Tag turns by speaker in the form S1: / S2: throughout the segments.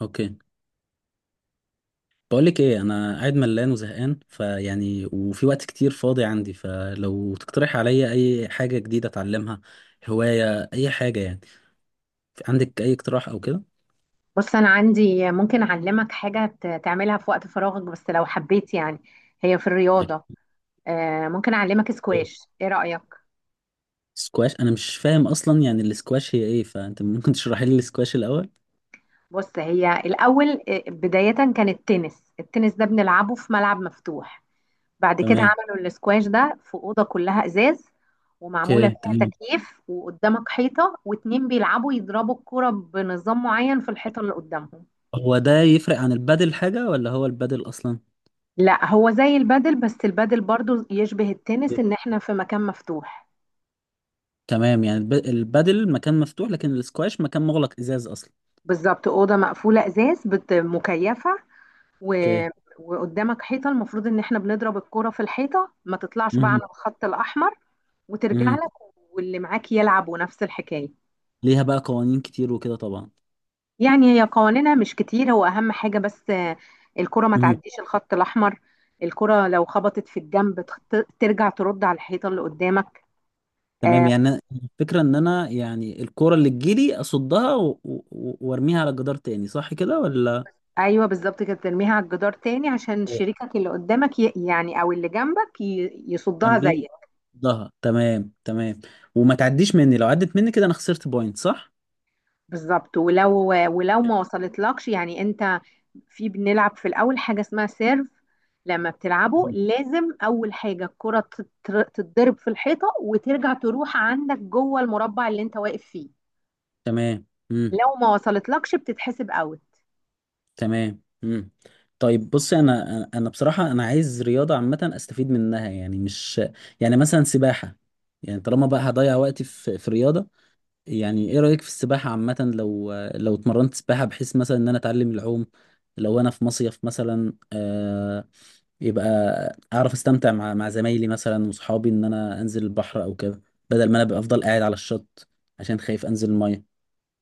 S1: اوكي. بقول لك ايه، انا قاعد ملان وزهقان فيعني وفي وقت كتير فاضي عندي، فلو تقترح عليا اي حاجة جديدة اتعلمها. هواية اي حاجة يعني. عندك اي اقتراح او كده؟
S2: بص أنا عندي ممكن أعلمك حاجة تعملها في وقت فراغك بس لو حبيت. يعني هي في الرياضة. ممكن أعلمك
S1: إيه؟
S2: سكواش. إيه رأيك؟
S1: سكواش انا مش فاهم اصلا، يعني السكواش هي ايه، فانت ممكن تشرحي لي السكواش الاول.
S2: بص هي الأول، بداية كان التنس ده بنلعبه في ملعب مفتوح. بعد كده
S1: تمام.
S2: عملوا السكواش ده في أوضة كلها إزاز، ومعمولة
S1: اوكي،
S2: فيها
S1: تمام.
S2: تكييف، وقدامك حيطة، واتنين بيلعبوا يضربوا الكرة بنظام معين في الحيطة اللي قدامهم.
S1: هو ده يفرق عن البادل حاجة ولا هو البادل اصلا؟
S2: لا، هو زي البادل، بس البادل برضو يشبه التنس
S1: إيه؟
S2: إن إحنا في مكان مفتوح.
S1: تمام، يعني البادل مكان مفتوح لكن السكواش مكان مغلق ازاز اصلا.
S2: بالظبط، اوضه مقفوله ازاز مكيفه و...
S1: اوكي.
S2: وقدامك حيطه، المفروض ان احنا بنضرب الكره في الحيطه، ما تطلعش بقى عن
S1: مهم.
S2: الخط الاحمر، وترجع
S1: مهم.
S2: لك، واللي معاك يلعب، ونفس الحكايه.
S1: ليها بقى قوانين كتير وكده طبعا.
S2: يعني هي قوانينها مش كتير، هو اهم حاجه بس الكره ما
S1: مم.
S2: تعديش الخط الاحمر. الكره لو خبطت في الجنب، ترجع ترد على الحيطه اللي قدامك.
S1: تمام،
S2: آه،
S1: يعني الفكرة ان انا يعني الكرة اللي تجيلي اصدها وارميها على الجدار تاني، صح كده ولا؟
S2: ايوه، بالظبط كده، ترميها على الجدار تاني عشان شريكك اللي قدامك، يعني او اللي جنبك
S1: كان
S2: يصدها زيك.
S1: بي ضها، تمام تمام. وما تعديش مني، لو عدت مني كده انا خسرت بوينت، صح؟
S2: بالظبط. ولو ما وصلتلكش، يعني انت، في، بنلعب في الاول حاجه اسمها سيرف. لما بتلعبه،
S1: مم.
S2: لازم اول حاجه الكره تتضرب في الحيطه، وترجع تروح عندك جوه المربع اللي انت واقف فيه.
S1: تمام. مم.
S2: لو ما وصلتلكش بتتحسب اوت.
S1: تمام. مم. طيب بصي، انا بصراحة انا عايز رياضة عامة استفيد منها، يعني مش يعني مثلا سباحة. يعني طالما بقى هضيع وقتي في رياضة، يعني ايه رأيك في السباحة عامة، لو اتمرنت سباحة بحيث مثلا ان انا اتعلم العوم، لو انا في مصيف مثلا يبقى اعرف استمتع مع زمايلي مثلا وصحابي، ان انا انزل البحر او كده، بدل ما انا ابقى افضل قاعد على الشط عشان خايف انزل المية.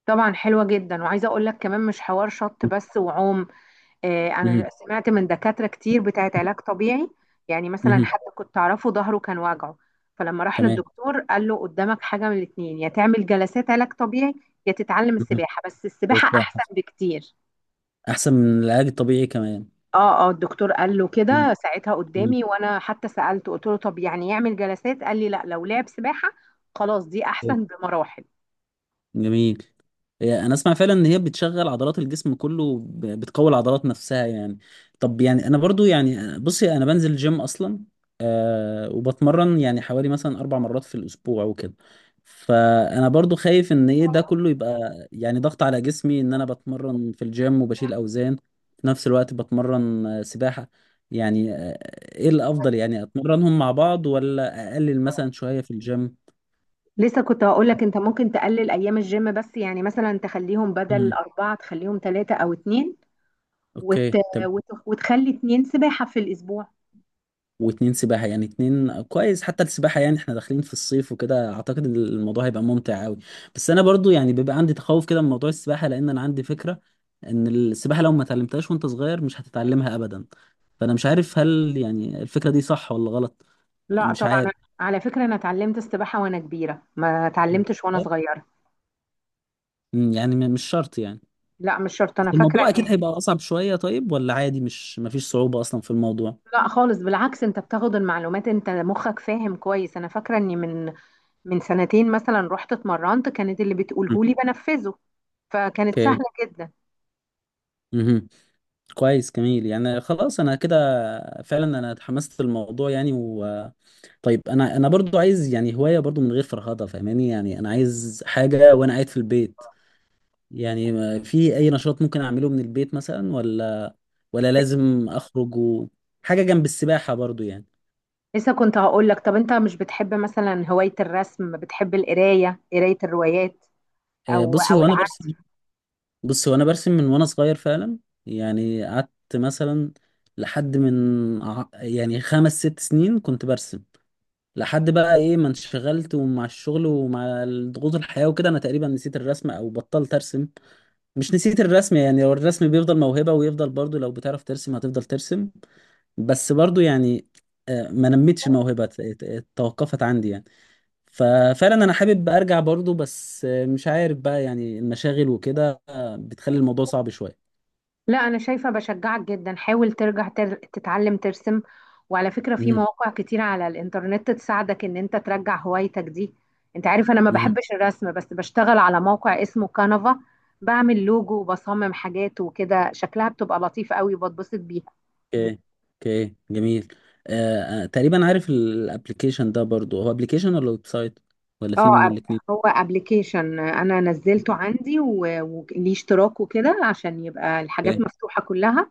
S2: طبعا، حلوه جدا، وعايزه اقول لك كمان مش حوار شط بس وعوم.
S1: مهم.
S2: انا سمعت من دكاترة كتير بتاعت علاج طبيعي. يعني مثلا
S1: مهم.
S2: حد كنت اعرفه ظهره كان واجعه، فلما راح
S1: تمام.
S2: للدكتور قال له: قدامك حاجة من الاتنين، يا تعمل جلسات علاج طبيعي، يا تتعلم
S1: مهم.
S2: السباحة، بس السباحة
S1: السباحة
S2: احسن بكتير.
S1: احسن من العلاج الطبيعي كمان.
S2: اه، اه، الدكتور قال له
S1: مهم.
S2: كده ساعتها
S1: مهم.
S2: قدامي، وانا حتى سألته قلت له: طب يعني يعمل جلسات؟ قال لي: لا، لو لعب سباحة، خلاص، دي احسن بمراحل.
S1: جميل. هي انا اسمع فعلا ان هي بتشغل عضلات الجسم كله، بتقوي العضلات نفسها يعني. طب يعني انا برضو يعني بصي، انا بنزل جيم اصلا، آه وبتمرن يعني حوالي مثلا اربع مرات في الاسبوع وكده، فانا برضو خايف ان ايه ده كله يبقى يعني ضغط على جسمي، ان انا بتمرن في الجيم وبشيل اوزان في نفس الوقت بتمرن سباحة، يعني ايه الافضل، يعني اتمرنهم مع بعض ولا اقلل مثلا شوية في الجيم؟
S2: لسه كنت هقول لك، انت ممكن تقلل ايام الجيم، بس يعني مثلا تخليهم، بدل
S1: مم.
S2: 4 تخليهم 3 او 2، وت...
S1: اوكي.
S2: وتخلي 2 سباحة في الأسبوع.
S1: واتنين سباحة، يعني اتنين كويس، حتى السباحة يعني احنا داخلين في الصيف وكده، اعتقد ان الموضوع هيبقى ممتع قوي. بس انا برضو يعني بيبقى عندي تخوف كده من موضوع السباحة، لان انا عندي فكرة ان السباحة لو ما اتعلمتهاش وانت صغير مش هتتعلمها ابدا. فانا مش عارف هل يعني الفكرة دي صح ولا غلط.
S2: لا
S1: مش
S2: طبعا،
S1: عارف.
S2: على فكرة أنا اتعلمت السباحة وأنا كبيرة، ما اتعلمتش وأنا صغيرة.
S1: مم، يعني مش شرط يعني.
S2: لا، مش شرط،
S1: بس
S2: أنا فاكرة
S1: الموضوع
S2: إني،
S1: اكيد هيبقى اصعب شوية، طيب ولا عادي مش مفيش صعوبة اصلا في الموضوع؟
S2: لا خالص، بالعكس، أنت بتاخد المعلومات، أنت مخك فاهم كويس. أنا فاكرة إني من سنتين مثلا رحت اتمرنت، كانت اللي بتقوله لي بنفذه، فكانت
S1: اوكي.
S2: سهلة جدا.
S1: مهم. كويس جميل، يعني خلاص انا كده فعلا انا اتحمست للموضوع يعني و طيب انا برضو عايز يعني هواية برضو من غير فرهضة فاهماني، يعني انا عايز حاجة وانا قاعد في البيت، يعني في اي نشاط ممكن اعمله من البيت مثلا، ولا لازم اخرج و... حاجة جنب السباحة برضو يعني.
S2: لسه كنت هقول لك، طب أنت مش بتحب مثلا هواية الرسم، بتحب القراية، قراية الروايات،
S1: بصي
S2: أو
S1: هو انا برسم.
S2: العزف؟
S1: بصي هو انا برسم من وانا صغير فعلا. يعني قعدت مثلا لحد من يعني خمس ست سنين كنت برسم. لحد بقى ايه ما انشغلت ومع الشغل ومع ضغوط الحياة وكده، انا تقريبا نسيت الرسم او بطلت ارسم. مش نسيت الرسم، يعني هو الرسم بيفضل موهبة ويفضل برضو لو بتعرف ترسم هتفضل ترسم. بس برضو يعني ما نمتش الموهبة توقفت عندي يعني. ففعلا انا حابب ارجع برضو بس مش عارف بقى، يعني المشاغل وكده بتخلي الموضوع صعب شوية.
S2: لا، انا شايفه بشجعك جدا، حاول ترجع تتعلم ترسم. وعلى فكره في
S1: مهم.
S2: مواقع كتير على الانترنت تساعدك ان انت ترجع هوايتك دي. انت عارف انا ما
S1: مهم.
S2: بحبش الرسم، بس بشتغل على موقع اسمه كانفا، بعمل لوجو وبصمم حاجات وكده، شكلها بتبقى لطيف قوي وبتبسط بيها.
S1: اوكي. اوكي جميل. تقريبا عارف الابلكيشن ده، برضو هو ابلكيشن ولا ويب سايت، ولا
S2: اه،
S1: في منه الاثنين؟
S2: هو ابلكيشن انا نزلته عندي، وليه اشتراك وكده عشان يبقى الحاجات
S1: اوكي.
S2: مفتوحه كلها.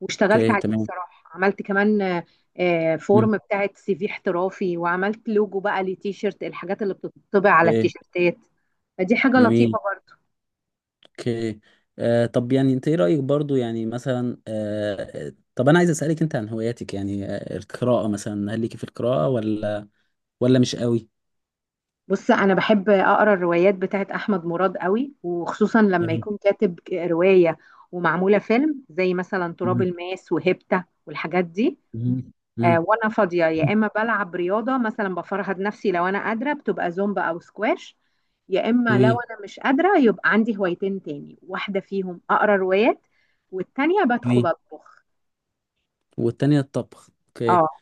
S2: واشتغلت
S1: اوكي
S2: عليه
S1: تمام.
S2: بصراحة، عملت كمان
S1: مم،
S2: فورم بتاعت CV احترافي، وعملت لوجو بقى لتيشيرت، الحاجات اللي بتطبع على
S1: اوكي
S2: التيشيرتات، فدي حاجة
S1: جميل.
S2: لطيفة برضو.
S1: اوكي. طب يعني انت ايه رأيك برضو، يعني مثلا طب انا عايز اسألك انت عن هواياتك، يعني القراءة مثلا، هل ليكي في القراءة ولا مش قوي؟
S2: بص، أنا بحب أقرأ الروايات بتاعت أحمد مراد قوي، وخصوصا لما
S1: جميل.
S2: يكون كاتب رواية ومعمولة فيلم، زي مثلا تراب
S1: مم،
S2: الماس وهيبتا والحاجات دي.
S1: مم، مم،
S2: وانا فاضيه، يا اما بلعب رياضه مثلا بفرهد نفسي لو انا قادره، بتبقى زومبا او سكواش، يا اما لو
S1: جميل.
S2: انا مش قادره، يبقى عندي هوايتين تاني، واحده فيهم اقرا روايات، والتانيه بدخل
S1: جميل.
S2: اطبخ.
S1: والتانية الطبخ، اوكي.
S2: اه،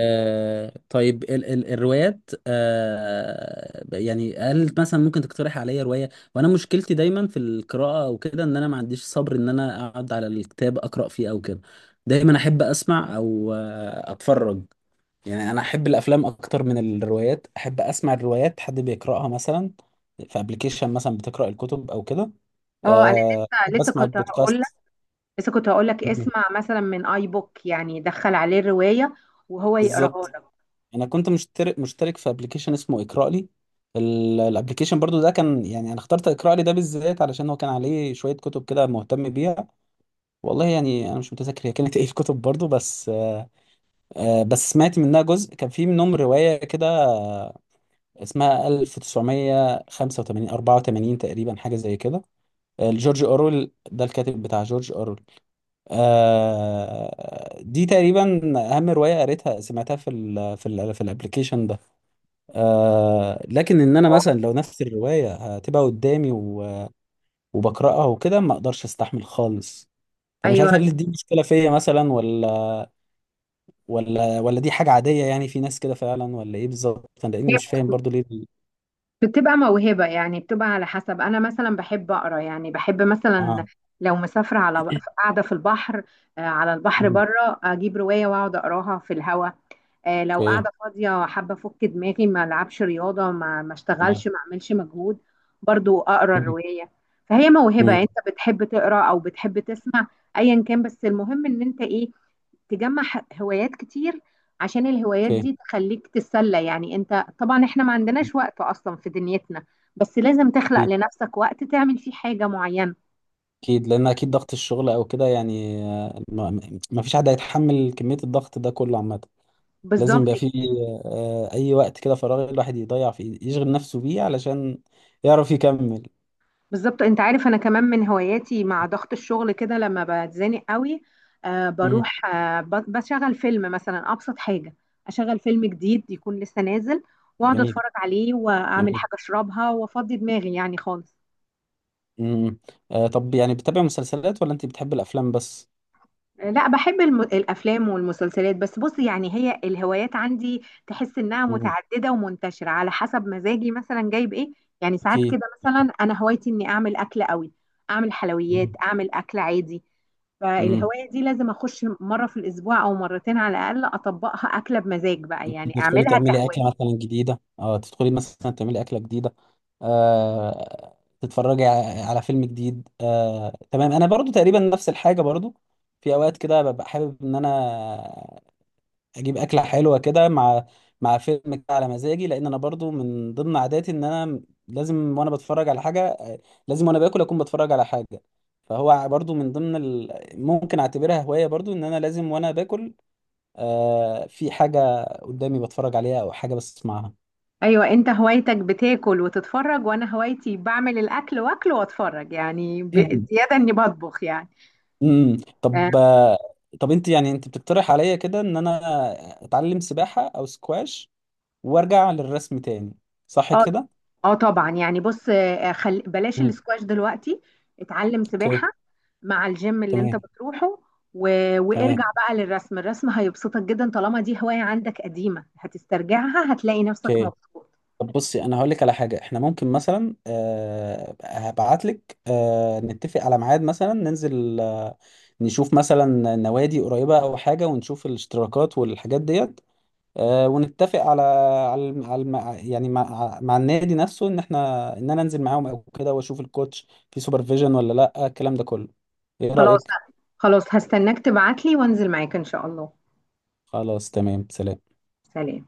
S1: طيب ال الروايات، يعني هل مثلا ممكن تقترح عليا رواية؟ وانا مشكلتي دايما في القراءة او كده، ان انا ما عنديش صبر ان انا اقعد على الكتاب اقرا فيه او كده، دايما احب اسمع او اتفرج. يعني انا احب الافلام اكتر من الروايات، احب اسمع الروايات حد بيقراها مثلا في ابلكيشن مثلا بتقرا الكتب او كده.
S2: اه، انا
S1: احب
S2: لسه
S1: اسمع
S2: كنت هقول لك،
S1: البودكاست.
S2: لسه كنت هقول لك،
S1: مم.
S2: اسمع مثلا من اي بوك، يعني دخل عليه الروايه وهو يقراها
S1: بالظبط.
S2: لك.
S1: انا كنت مشترك في ابلكيشن اسمه اقرا لي. الابلكيشن برضو ده كان يعني انا اخترت اقرا لي ده بالذات علشان هو كان عليه شويه كتب كده مهتم بيها. والله يعني انا مش متذكر هي كانت ايه الكتب برضو بس بس سمعت منها جزء كان في منهم روايه كده، اسمها 1985 84 تقريبا حاجه زي كده، لجورج اورويل، ده الكاتب بتاع جورج اورويل. دي تقريبا اهم روايه قريتها سمعتها في الابلكيشن ده. لكن ان انا مثلا لو نفس الروايه هتبقى قدامي وبقراها وكده ما اقدرش استحمل خالص. فانا مش
S2: ايوه،
S1: عارف هل دي مشكله فيا مثلا، ولا دي حاجه عاديه يعني في ناس كده فعلا، ولا ايه بالظبط انا، لاني مش فاهم برضو ليه
S2: بتبقى موهبة، يعني بتبقى على حسب. أنا مثلا بحب أقرأ، يعني بحب مثلا
S1: اه.
S2: لو مسافرة، على، قاعدة في البحر، على البحر
S1: مم.
S2: بره، أجيب رواية وأقعد أقراها في الهوا. لو
S1: اوكي
S2: قاعدة فاضية حابة أفك دماغي، ما ألعبش رياضة، ما
S1: تمام.
S2: أشتغلش، ما أعملش مجهود، برضو أقرأ
S1: مم.
S2: الرواية. فهي موهبة يعني،
S1: مم.
S2: أنت بتحب تقرأ أو بتحب تسمع، أيا كان، بس المهم إن أنت إيه، تجمع هوايات كتير، عشان الهوايات
S1: اوكي.
S2: دي تخليك تتسلى. يعني انت طبعا احنا ما عندناش وقت اصلا في دنيتنا، بس لازم تخلق
S1: اكيد.
S2: لنفسك وقت تعمل فيه حاجة معينة.
S1: اكيد لان اكيد ضغط الشغل او كده، يعني ما فيش حد هيتحمل كميه الضغط ده كله عامه، لازم
S2: بالظبط،
S1: يبقى فيه أي وقت كده فراغ الواحد يضيع فيه يشغل نفسه بيه علشان يعرف يكمل.
S2: بالظبط. انت عارف انا كمان من هواياتي مع ضغط الشغل كده، لما بتزنق قوي،
S1: مم.
S2: بروح، بشغل فيلم مثلا، ابسط حاجة، اشغل فيلم جديد يكون لسه نازل، واقعد
S1: جميل.
S2: اتفرج عليه، واعمل
S1: جميل.
S2: حاجة اشربها، وافضي دماغي يعني خالص.
S1: مم. طب يعني بتتابع مسلسلات ولا أنت بتحب الأفلام بس؟
S2: لا، بحب الافلام والمسلسلات. بس بص يعني هي الهوايات عندي تحس انها
S1: مم.
S2: متعدده ومنتشره على حسب مزاجي مثلا جايب ايه. يعني ساعات
S1: أكيد.
S2: كده مثلا، انا هوايتي اني اعمل اكل قوي، اعمل حلويات،
S1: مم.
S2: اعمل اكل عادي،
S1: مم.
S2: فالهوايه دي لازم اخش مره في الاسبوع او مرتين على الاقل اطبقها، اكله بمزاج بقى،
S1: أنت
S2: يعني
S1: تدخلي
S2: اعملها
S1: تعملي أكلة
S2: كهوايه.
S1: مثلا جديدة، تدخلي مثلا تعملي أكلة جديدة، آه تتفرجي على فيلم جديد، تمام. أنا برضو تقريبا نفس الحاجة برضو، في أوقات كده ببقى حابب إن أنا اجيب اكله حلوه كده مع فيلم كده على مزاجي، لان انا برضو من ضمن عاداتي ان انا لازم وانا بتفرج على حاجه، لازم وانا باكل اكون بتفرج على حاجه. فهو برضو من ضمن ممكن اعتبرها هوايه برضو ان انا لازم وانا باكل في حاجه قدامي بتفرج عليها او حاجه بسمعها.
S2: ايوه، انت هوايتك بتاكل وتتفرج، وانا هوايتي بعمل الاكل واكل واتفرج، يعني زياده اني بطبخ يعني.
S1: طب طب انت يعني انت بتقترح عليا كده ان انا اتعلم سباحه او سكواش، وارجع للرسم تاني، صح
S2: اه،
S1: كده؟
S2: اه، طبعا، يعني بص، بلاش
S1: مم.
S2: الاسكواش دلوقتي. اتعلم سباحة
S1: اوكي
S2: مع الجيم اللي انت
S1: تمام.
S2: بتروحه و...
S1: تمام
S2: وارجع بقى للرسم. الرسم هيبسطك جدا، طالما دي هواية عندك قديمة هتسترجعها، هتلاقي نفسك
S1: اوكي.
S2: مبسوط.
S1: طب بصي، انا هقول لك على حاجه، احنا ممكن مثلا هبعت لك، نتفق على ميعاد مثلا ننزل، نشوف مثلا نوادي قريبه او حاجه، ونشوف الاشتراكات والحاجات ديت، ونتفق على على الم- على الم- يعني مع, النادي نفسه ان احنا ان انا انزل معاهم او كده، واشوف الكوتش في سوبرفيجن ولا لا الكلام ده كله. ايه
S2: خلاص،
S1: رايك؟
S2: خلاص، هستناك تبعتلي وانزل معاك ان شاء الله.
S1: خلاص. تمام. سلام.
S2: سلام.